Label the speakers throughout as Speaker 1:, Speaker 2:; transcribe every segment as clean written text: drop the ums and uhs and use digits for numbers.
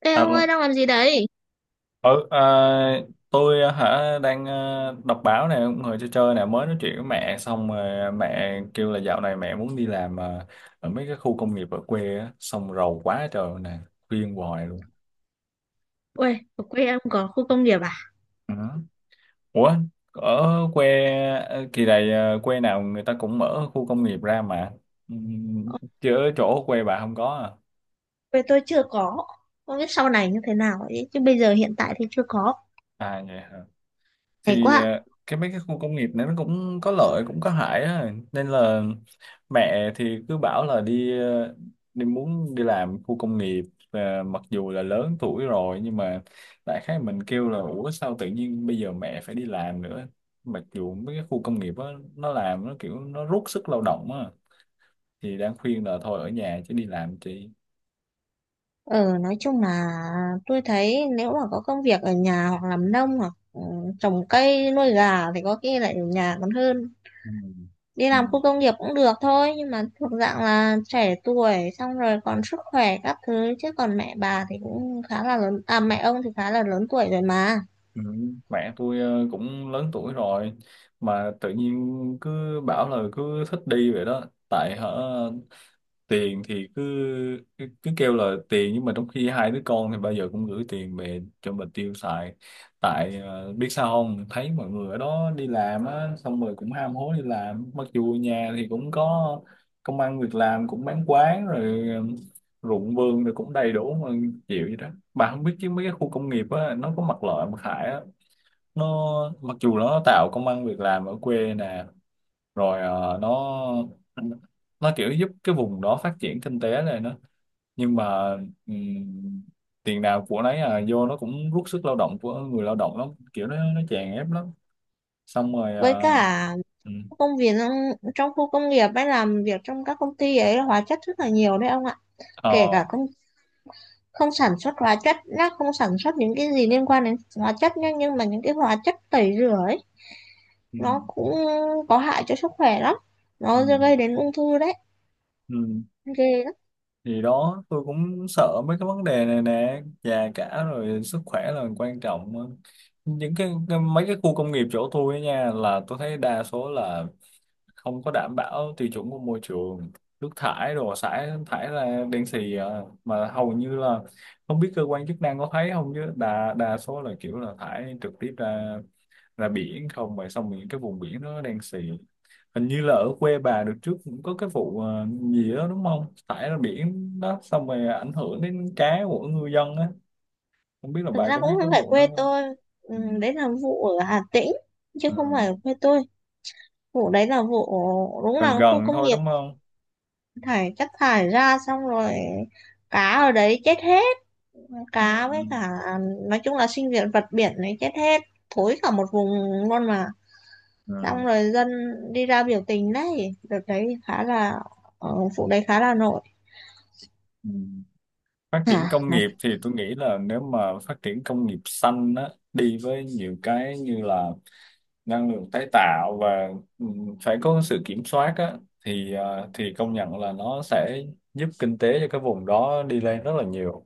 Speaker 1: Ê ông ơi
Speaker 2: Alo.
Speaker 1: đang làm gì đấy?
Speaker 2: Ừ, tôi à, hả đang đọc báo này, cũng ngồi chơi chơi này, mới nói chuyện với mẹ xong rồi mẹ kêu là dạo này mẹ muốn đi làm ở mấy cái khu công nghiệp ở quê á, xong rầu quá trời nè, khuyên hoài luôn.
Speaker 1: Ui, ở quê em có khu công nghiệp à?
Speaker 2: Ừ. Ủa, ở quê kỳ này quê nào người ta cũng mở khu công nghiệp ra mà. ừ,
Speaker 1: Ở
Speaker 2: chứ ở chỗ quê bà không có à?
Speaker 1: quê tôi chưa có. Không biết sau này như thế nào ấy. Chứ bây giờ hiện tại thì chưa có.
Speaker 2: À vậy hả.
Speaker 1: Hay
Speaker 2: Thì
Speaker 1: quá.
Speaker 2: cái mấy cái khu công nghiệp này nó cũng có lợi cũng có hại á, nên là mẹ thì cứ bảo là đi, đi muốn đi làm khu công nghiệp. Mặc dù là lớn tuổi rồi nhưng mà đại khái mình kêu là ủa sao tự nhiên bây giờ mẹ phải đi làm nữa, mặc dù mấy cái khu công nghiệp á nó làm nó kiểu nó rút sức lao động á, thì đang khuyên là thôi ở nhà chứ đi làm chị.
Speaker 1: Ờ, nói chung là tôi thấy nếu mà có công việc ở nhà hoặc làm nông hoặc trồng cây nuôi gà thì có khi lại ở nhà còn hơn.
Speaker 2: Ừ.
Speaker 1: Đi
Speaker 2: Ừ.
Speaker 1: làm khu công nghiệp cũng được thôi. Nhưng mà thuộc dạng là trẻ tuổi xong rồi còn sức khỏe các thứ. Chứ còn mẹ bà thì cũng khá là lớn. À, mẹ ông thì khá là lớn tuổi rồi mà,
Speaker 2: Ừ, mẹ tôi cũng lớn tuổi rồi, mà tự nhiên cứ bảo là cứ thích đi vậy đó. Tại tiền thì cứ cứ, cứ kêu là tiền, nhưng mà trong khi hai đứa con thì bao giờ cũng gửi tiền về cho mình tiêu xài. Tại biết sao, không thấy mọi người ở đó đi làm á xong rồi cũng ham hố đi làm, mặc dù nhà thì cũng có công ăn việc làm, cũng bán quán rồi, ruộng vườn rồi cũng đầy đủ mà, chịu vậy đó. Bà không biết chứ mấy cái khu công nghiệp á nó có mặt lợi mặt hại á, nó mặc dù nó tạo công ăn việc làm ở quê nè, rồi nó kiểu giúp cái vùng đó phát triển kinh tế này nữa, nhưng mà ừm, tiền nào của nấy, à vô nó cũng rút sức lao động của người lao động lắm, kiểu nó chèn ép lắm. Xong rồi.
Speaker 1: với
Speaker 2: Ờ,
Speaker 1: cả
Speaker 2: ừm,
Speaker 1: công việc trong khu công nghiệp hay làm việc trong các công ty ấy hóa chất rất là nhiều đấy ông ạ, kể
Speaker 2: ờ,
Speaker 1: cả không không sản xuất hóa chất, nó không sản xuất những cái gì liên quan đến hóa chất nhá, nhưng mà những cái hóa chất tẩy rửa ấy nó
Speaker 2: ừm,
Speaker 1: cũng có hại cho sức khỏe lắm, nó
Speaker 2: ừm,
Speaker 1: gây đến ung thư đấy,
Speaker 2: ừm.
Speaker 1: ghê lắm.
Speaker 2: Thì đó, tôi cũng sợ mấy cái vấn đề này nè, già cả rồi sức khỏe là quan trọng. Những cái mấy cái khu công nghiệp chỗ tôi ấy nha, là tôi thấy đa số là không có đảm bảo tiêu chuẩn của môi trường, nước thải đồ xả thải ra đen xì à. Mà hầu như là không biết cơ quan chức năng có thấy không, chứ đa đa số là kiểu là thải trực tiếp ra ra biển không vậy, xong những cái vùng biển đó đen xì. Hình như là ở quê bà được trước cũng có cái vụ gì đó đúng không, thải ra biển đó, xong rồi ảnh hưởng đến cá của ngư dân á, không biết là
Speaker 1: Thực
Speaker 2: bà
Speaker 1: ra
Speaker 2: có
Speaker 1: cũng
Speaker 2: biết
Speaker 1: không
Speaker 2: cái
Speaker 1: phải
Speaker 2: vụ đó
Speaker 1: quê
Speaker 2: không.
Speaker 1: tôi.
Speaker 2: Ừ.
Speaker 1: Đấy là vụ ở Hà Tĩnh chứ
Speaker 2: Ờ,
Speaker 1: không phải ở quê tôi. Vụ đấy là vụ, đúng
Speaker 2: gần
Speaker 1: là khu
Speaker 2: gần
Speaker 1: công
Speaker 2: thôi
Speaker 1: nghiệp
Speaker 2: đúng không.
Speaker 1: thải chất thải ra xong rồi cá ở đấy chết hết,
Speaker 2: Ừ.
Speaker 1: cá với cả à, nói chung là sinh viên vật biển này chết hết, thối cả một vùng luôn mà.
Speaker 2: Ừ.
Speaker 1: Xong rồi dân đi ra biểu tình đấy, đợt đấy khá là ờ, vụ đấy khá là nổi.
Speaker 2: Ừ. Phát triển
Speaker 1: hả
Speaker 2: công
Speaker 1: nói
Speaker 2: nghiệp thì tôi nghĩ là nếu mà phát triển công nghiệp xanh á, đi với nhiều cái như là năng lượng tái tạo và phải có sự kiểm soát á, thì thì công nhận là nó sẽ giúp kinh tế cho cái vùng đó đi lên rất là nhiều.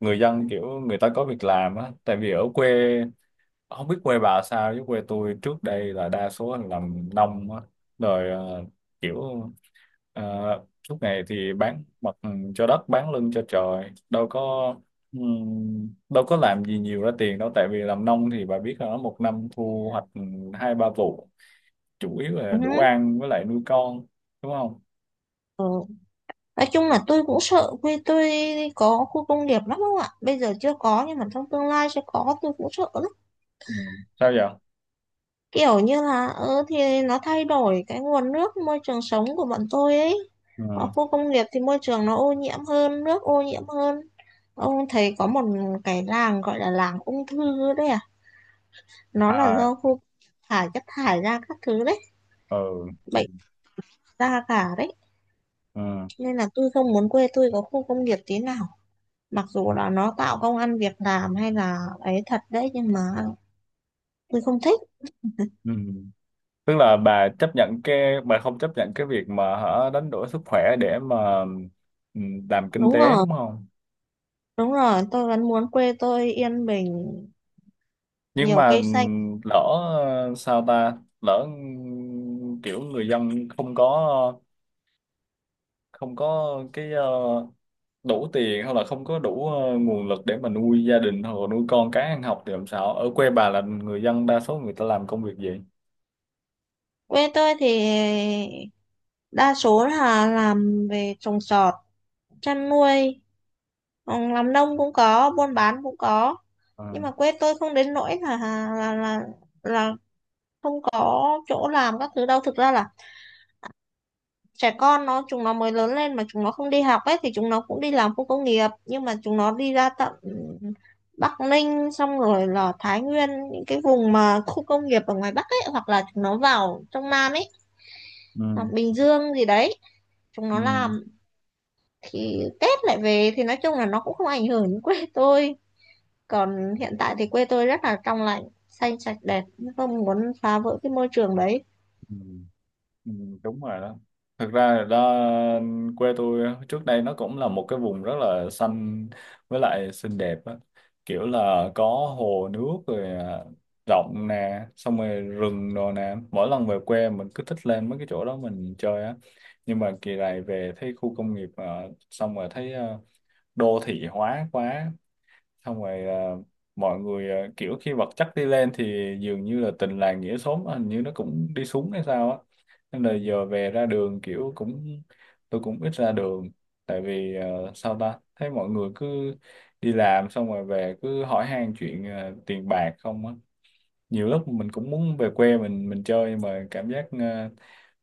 Speaker 2: Người dân kiểu người ta có việc làm á, tại vì ở quê, không biết quê bà sao chứ quê tôi trước đây là đa số là làm nông á, rồi kiểu ờ, suốt ngày thì bán mặt cho đất bán lưng cho trời, đâu có làm gì nhiều ra tiền đâu, tại vì làm nông thì bà biết là nó một năm thu hoạch hai ba vụ, chủ yếu là
Speaker 1: Ừ.
Speaker 2: đủ ăn với lại nuôi con, đúng không.
Speaker 1: Ừ. Nói chung là tôi cũng sợ quê tôi có khu công nghiệp lắm không ạ? Bây giờ chưa có nhưng mà trong tương lai sẽ có, tôi cũng sợ
Speaker 2: Ừ. Sao vậy?
Speaker 1: kiểu như là, thì nó thay đổi cái nguồn nước môi trường sống của bọn tôi ấy. Ở
Speaker 2: Ừ.
Speaker 1: khu công nghiệp thì môi trường nó ô nhiễm hơn, nước ô nhiễm hơn. Ông thấy có một cái làng gọi là làng ung thư đấy à, nó là
Speaker 2: À.
Speaker 1: do khu thải chất thải ra các thứ đấy,
Speaker 2: Ừ. Ừ.
Speaker 1: bệnh ra cả đấy,
Speaker 2: Ừ.
Speaker 1: nên là tôi không muốn quê tôi có khu công nghiệp tí nào. Mặc dù là nó tạo công ăn việc làm hay là ấy thật đấy, nhưng mà tôi không thích.
Speaker 2: Ừ. Tức là bà chấp nhận cái, bà không chấp nhận cái việc mà đánh đổi sức khỏe để mà làm kinh
Speaker 1: Đúng
Speaker 2: tế
Speaker 1: rồi,
Speaker 2: đúng không.
Speaker 1: đúng rồi, tôi vẫn muốn quê tôi yên bình,
Speaker 2: Nhưng
Speaker 1: nhiều
Speaker 2: mà
Speaker 1: cây xanh.
Speaker 2: lỡ sao ta, lỡ kiểu người dân không có, không có cái đủ tiền, hoặc là không có đủ nguồn lực để mà nuôi gia đình hoặc là nuôi con cái ăn học, thì làm sao, ở quê bà là người dân đa số người ta làm công việc gì?
Speaker 1: Quê tôi thì đa số là làm về trồng trọt, chăn nuôi, làm nông cũng có, buôn bán cũng có. Nhưng
Speaker 2: À.
Speaker 1: mà quê tôi không đến nỗi là là là không có chỗ làm các thứ đâu. Thực ra là trẻ con chúng nó mới lớn lên mà chúng nó không đi học ấy thì chúng nó cũng đi làm khu công nghiệp, nhưng mà chúng nó đi ra tận Bắc Ninh xong rồi là Thái Nguyên, những cái vùng mà khu công nghiệp ở ngoài Bắc ấy, hoặc là chúng nó vào trong Nam ấy, hoặc
Speaker 2: Ừ.
Speaker 1: Bình Dương gì đấy, chúng nó
Speaker 2: Ừ,
Speaker 1: làm thì Tết lại về, thì nói chung là nó cũng không ảnh hưởng đến quê tôi. Còn hiện tại thì quê tôi rất là trong lành, xanh sạch đẹp, không muốn phá vỡ cái môi trường đấy.
Speaker 2: ừ. Ừ, đúng rồi đó. Thực ra là đó, quê tôi trước đây nó cũng là một cái vùng rất là xanh với lại xinh đẹp á. Kiểu là có hồ nước rồi, rộng nè, xong rồi rừng đồ nè, mỗi lần về quê mình cứ thích lên mấy cái chỗ đó mình chơi á. Nhưng mà kỳ này về thấy khu công nghiệp xong rồi thấy đô thị hóa quá, xong rồi mọi người kiểu khi vật chất đi lên thì dường như là tình làng nghĩa xóm hình như nó cũng đi xuống hay sao á. Nên là giờ về ra đường kiểu cũng, tôi cũng ít ra đường, tại vì sao ta thấy mọi người cứ đi làm xong rồi về cứ hỏi han chuyện tiền bạc không á. Nhiều lúc mình cũng muốn về quê mình chơi, nhưng mà cảm giác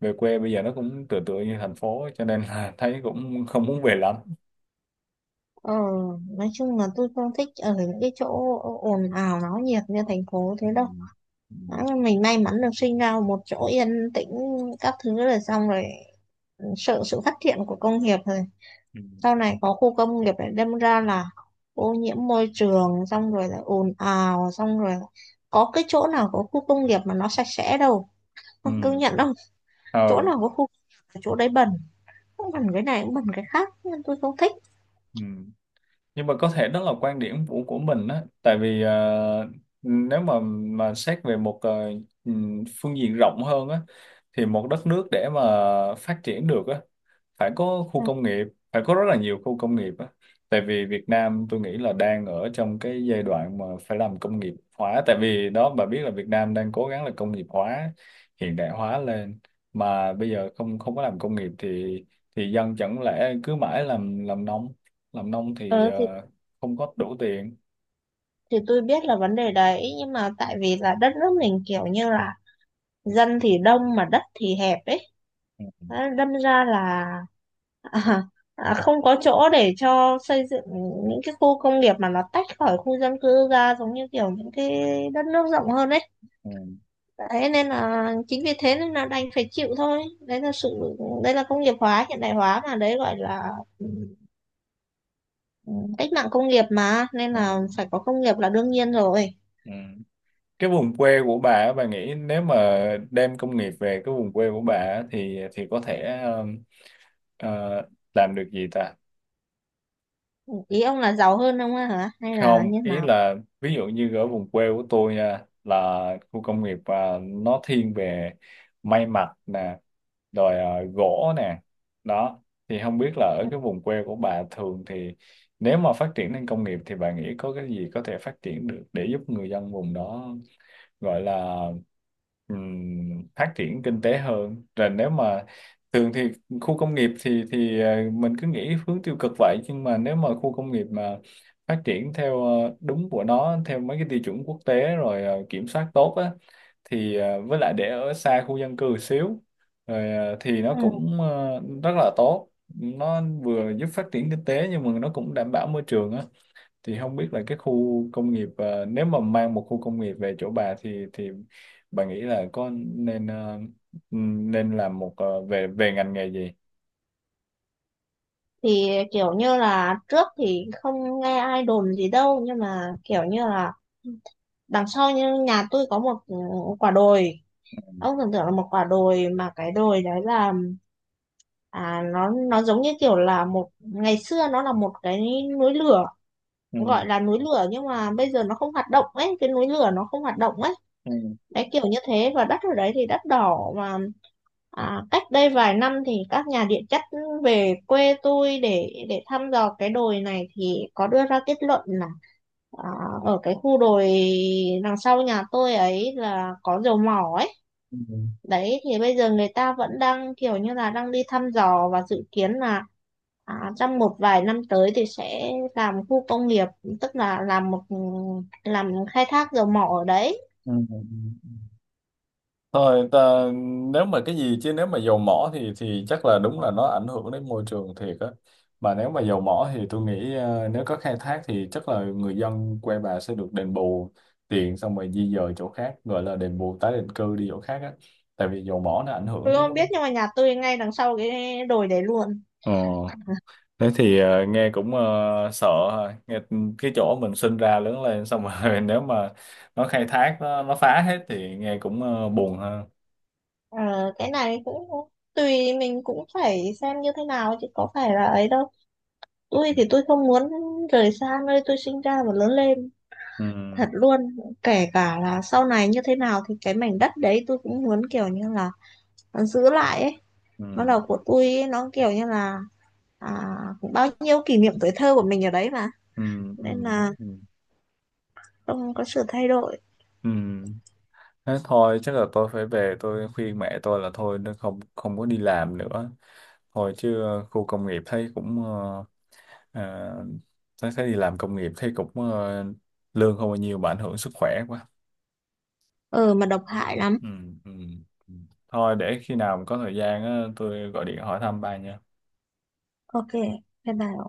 Speaker 2: về quê bây giờ nó cũng tựa tựa như thành phố ấy, cho nên là thấy cũng không muốn về lắm.
Speaker 1: ờ, nói chung là tôi không thích ở những cái chỗ ồn ào náo nhiệt như thành phố thế
Speaker 2: Ừ.
Speaker 1: đâu.
Speaker 2: Ừ.
Speaker 1: Nói là mình may mắn được sinh ra ở một chỗ yên tĩnh các thứ, rồi xong rồi sợ sự phát triển của công nghiệp, rồi sau này có khu công nghiệp để đâm ra là ô nhiễm môi trường, xong rồi là ồn ào, xong rồi là có cái chỗ nào có khu công nghiệp mà nó sạch sẽ đâu,
Speaker 2: Ừ.
Speaker 1: không công nhận đâu. Chỗ
Speaker 2: Ừ.
Speaker 1: nào có khu công nghiệp là chỗ đấy bẩn, cũng bẩn cái này cũng bẩn cái khác, nên tôi không thích.
Speaker 2: Ừ. Nhưng mà có thể đó là quan điểm của mình á, tại vì nếu mà xét về một ừ, phương diện rộng hơn á, thì một đất nước để mà phát triển được á phải có khu
Speaker 1: ừ,
Speaker 2: công nghiệp, phải có rất là nhiều khu công nghiệp á. Tại vì Việt Nam tôi nghĩ là đang ở trong cái giai đoạn mà phải làm công nghiệp hóa, tại vì đó bà biết là Việt Nam đang cố gắng là công nghiệp hóa hiện đại hóa lên, mà bây giờ không không có làm công nghiệp thì dân chẳng lẽ cứ mãi làm nông, làm nông thì
Speaker 1: Ờ, thì
Speaker 2: không có đủ tiền.
Speaker 1: thì tôi biết là vấn đề đấy, nhưng mà tại vì là đất nước mình kiểu như là dân thì đông mà đất thì hẹp ấy. Đấy, đâm ra là à, không có chỗ để cho xây dựng những cái khu công nghiệp mà nó tách khỏi khu dân cư ra, giống như kiểu những cái đất nước rộng hơn ấy.
Speaker 2: Ừ.
Speaker 1: Đấy, nên là chính vì thế nên là đành phải chịu thôi, đấy là sự đây là công nghiệp hóa hiện đại hóa mà, đấy gọi là ừ, cách mạng công nghiệp mà, nên
Speaker 2: Ừ.
Speaker 1: là phải có công nghiệp là đương nhiên rồi.
Speaker 2: Ừ. Cái vùng quê của bà á, bà nghĩ nếu mà đem công nghiệp về cái vùng quê của bà á, thì có thể Ờ, làm được gì ta?
Speaker 1: Ý ông là giàu hơn ông á hả hay là
Speaker 2: Không,
Speaker 1: như
Speaker 2: ý
Speaker 1: nào?
Speaker 2: là ví dụ như ở vùng quê của tôi nha, là khu công nghiệp nó thiên về may mặc nè, rồi gỗ nè. Đó, thì không biết là ở cái vùng quê của bà thường thì nếu mà phát triển lên công nghiệp thì bà nghĩ có cái gì có thể phát triển được để giúp người dân vùng đó gọi là phát triển kinh tế hơn. Rồi nếu mà thường thì khu công nghiệp thì mình cứ nghĩ hướng tiêu cực vậy, nhưng mà nếu mà khu công nghiệp mà phát triển theo đúng của nó, theo mấy cái tiêu chuẩn quốc tế rồi kiểm soát tốt á, thì với lại để ở xa khu dân cư xíu, rồi thì nó
Speaker 1: Ừ.
Speaker 2: cũng rất là tốt. Nó vừa giúp phát triển kinh tế nhưng mà nó cũng đảm bảo môi trường á. Thì không biết là cái khu công nghiệp, nếu mà mang một khu công nghiệp về chỗ bà thì bà nghĩ là có nên, nên làm một về về ngành nghề gì?
Speaker 1: Thì kiểu như là trước thì không nghe ai đồn gì đâu, nhưng mà kiểu như là đằng sau như nhà tôi có một quả đồi. Ông tưởng tượng là một quả đồi mà cái đồi đấy là nó giống như kiểu là một ngày xưa nó là một cái núi lửa,
Speaker 2: Ừ,
Speaker 1: gọi là núi lửa nhưng mà bây giờ nó không hoạt động ấy, cái núi lửa nó không hoạt động ấy,
Speaker 2: ừ,
Speaker 1: đấy kiểu như thế. Và đất ở đấy thì đất đỏ mà. Cách đây vài năm thì các nhà địa chất về quê tôi để thăm dò cái đồi này thì có đưa ra kết luận là à, ở cái khu đồi đằng sau nhà tôi ấy là có dầu mỏ ấy.
Speaker 2: ừ,
Speaker 1: Đấy thì bây giờ người ta vẫn đang kiểu như là đang đi thăm dò và dự kiến là, trong một vài năm tới thì sẽ làm khu công nghiệp, tức là làm một làm khai thác dầu mỏ ở đấy.
Speaker 2: ừ. Thôi ta, nếu mà cái gì chứ nếu mà dầu mỏ thì chắc là đúng là nó ảnh hưởng đến môi trường thiệt á. Mà nếu mà dầu mỏ thì tôi nghĩ nếu có khai thác thì chắc là người dân quê bà sẽ được đền bù tiền, xong rồi di dời chỗ khác, gọi là đền bù tái định cư đi chỗ khác á. Tại vì dầu mỏ nó ảnh hưởng
Speaker 1: Tôi
Speaker 2: đến.
Speaker 1: không biết nhưng mà nhà tôi ngay đằng sau cái đồi đấy luôn.
Speaker 2: Ờ, thế thì nghe cũng sợ ha. Nghe cái chỗ mình sinh ra lớn lên xong rồi nếu mà nó, khai thác, nó phá hết thì nghe cũng buồn ha.
Speaker 1: Ờ, cái này cũng tùy mình cũng phải xem như thế nào chứ có phải là ấy đâu. Tôi thì tôi không muốn rời xa nơi tôi sinh ra và lớn lên,
Speaker 2: Ừ.
Speaker 1: thật luôn. Kể cả là sau này như thế nào thì cái mảnh đất đấy tôi cũng muốn kiểu như là giữ lại ấy,
Speaker 2: Ừ.
Speaker 1: nó là của tôi ấy, nó kiểu như là à, bao nhiêu kỷ niệm tuổi thơ của mình ở đấy mà,
Speaker 2: Ừ, ừ,
Speaker 1: nên là
Speaker 2: ừ,
Speaker 1: không có sự thay đổi.
Speaker 2: ừ. Thế thôi chắc là tôi phải về tôi khuyên mẹ tôi là thôi, nó không không có đi làm nữa, thôi chứ khu công nghiệp thấy cũng, ờ, thấy thấy đi làm công nghiệp thấy cũng lương không bao nhiêu mà ảnh hưởng sức khỏe quá.
Speaker 1: Ờ mà độc hại lắm.
Speaker 2: Ừ, ừ. Ừ. Thôi để khi nào mà có thời gian á, tôi gọi điện hỏi thăm ba nha.
Speaker 1: Ok, bye bye.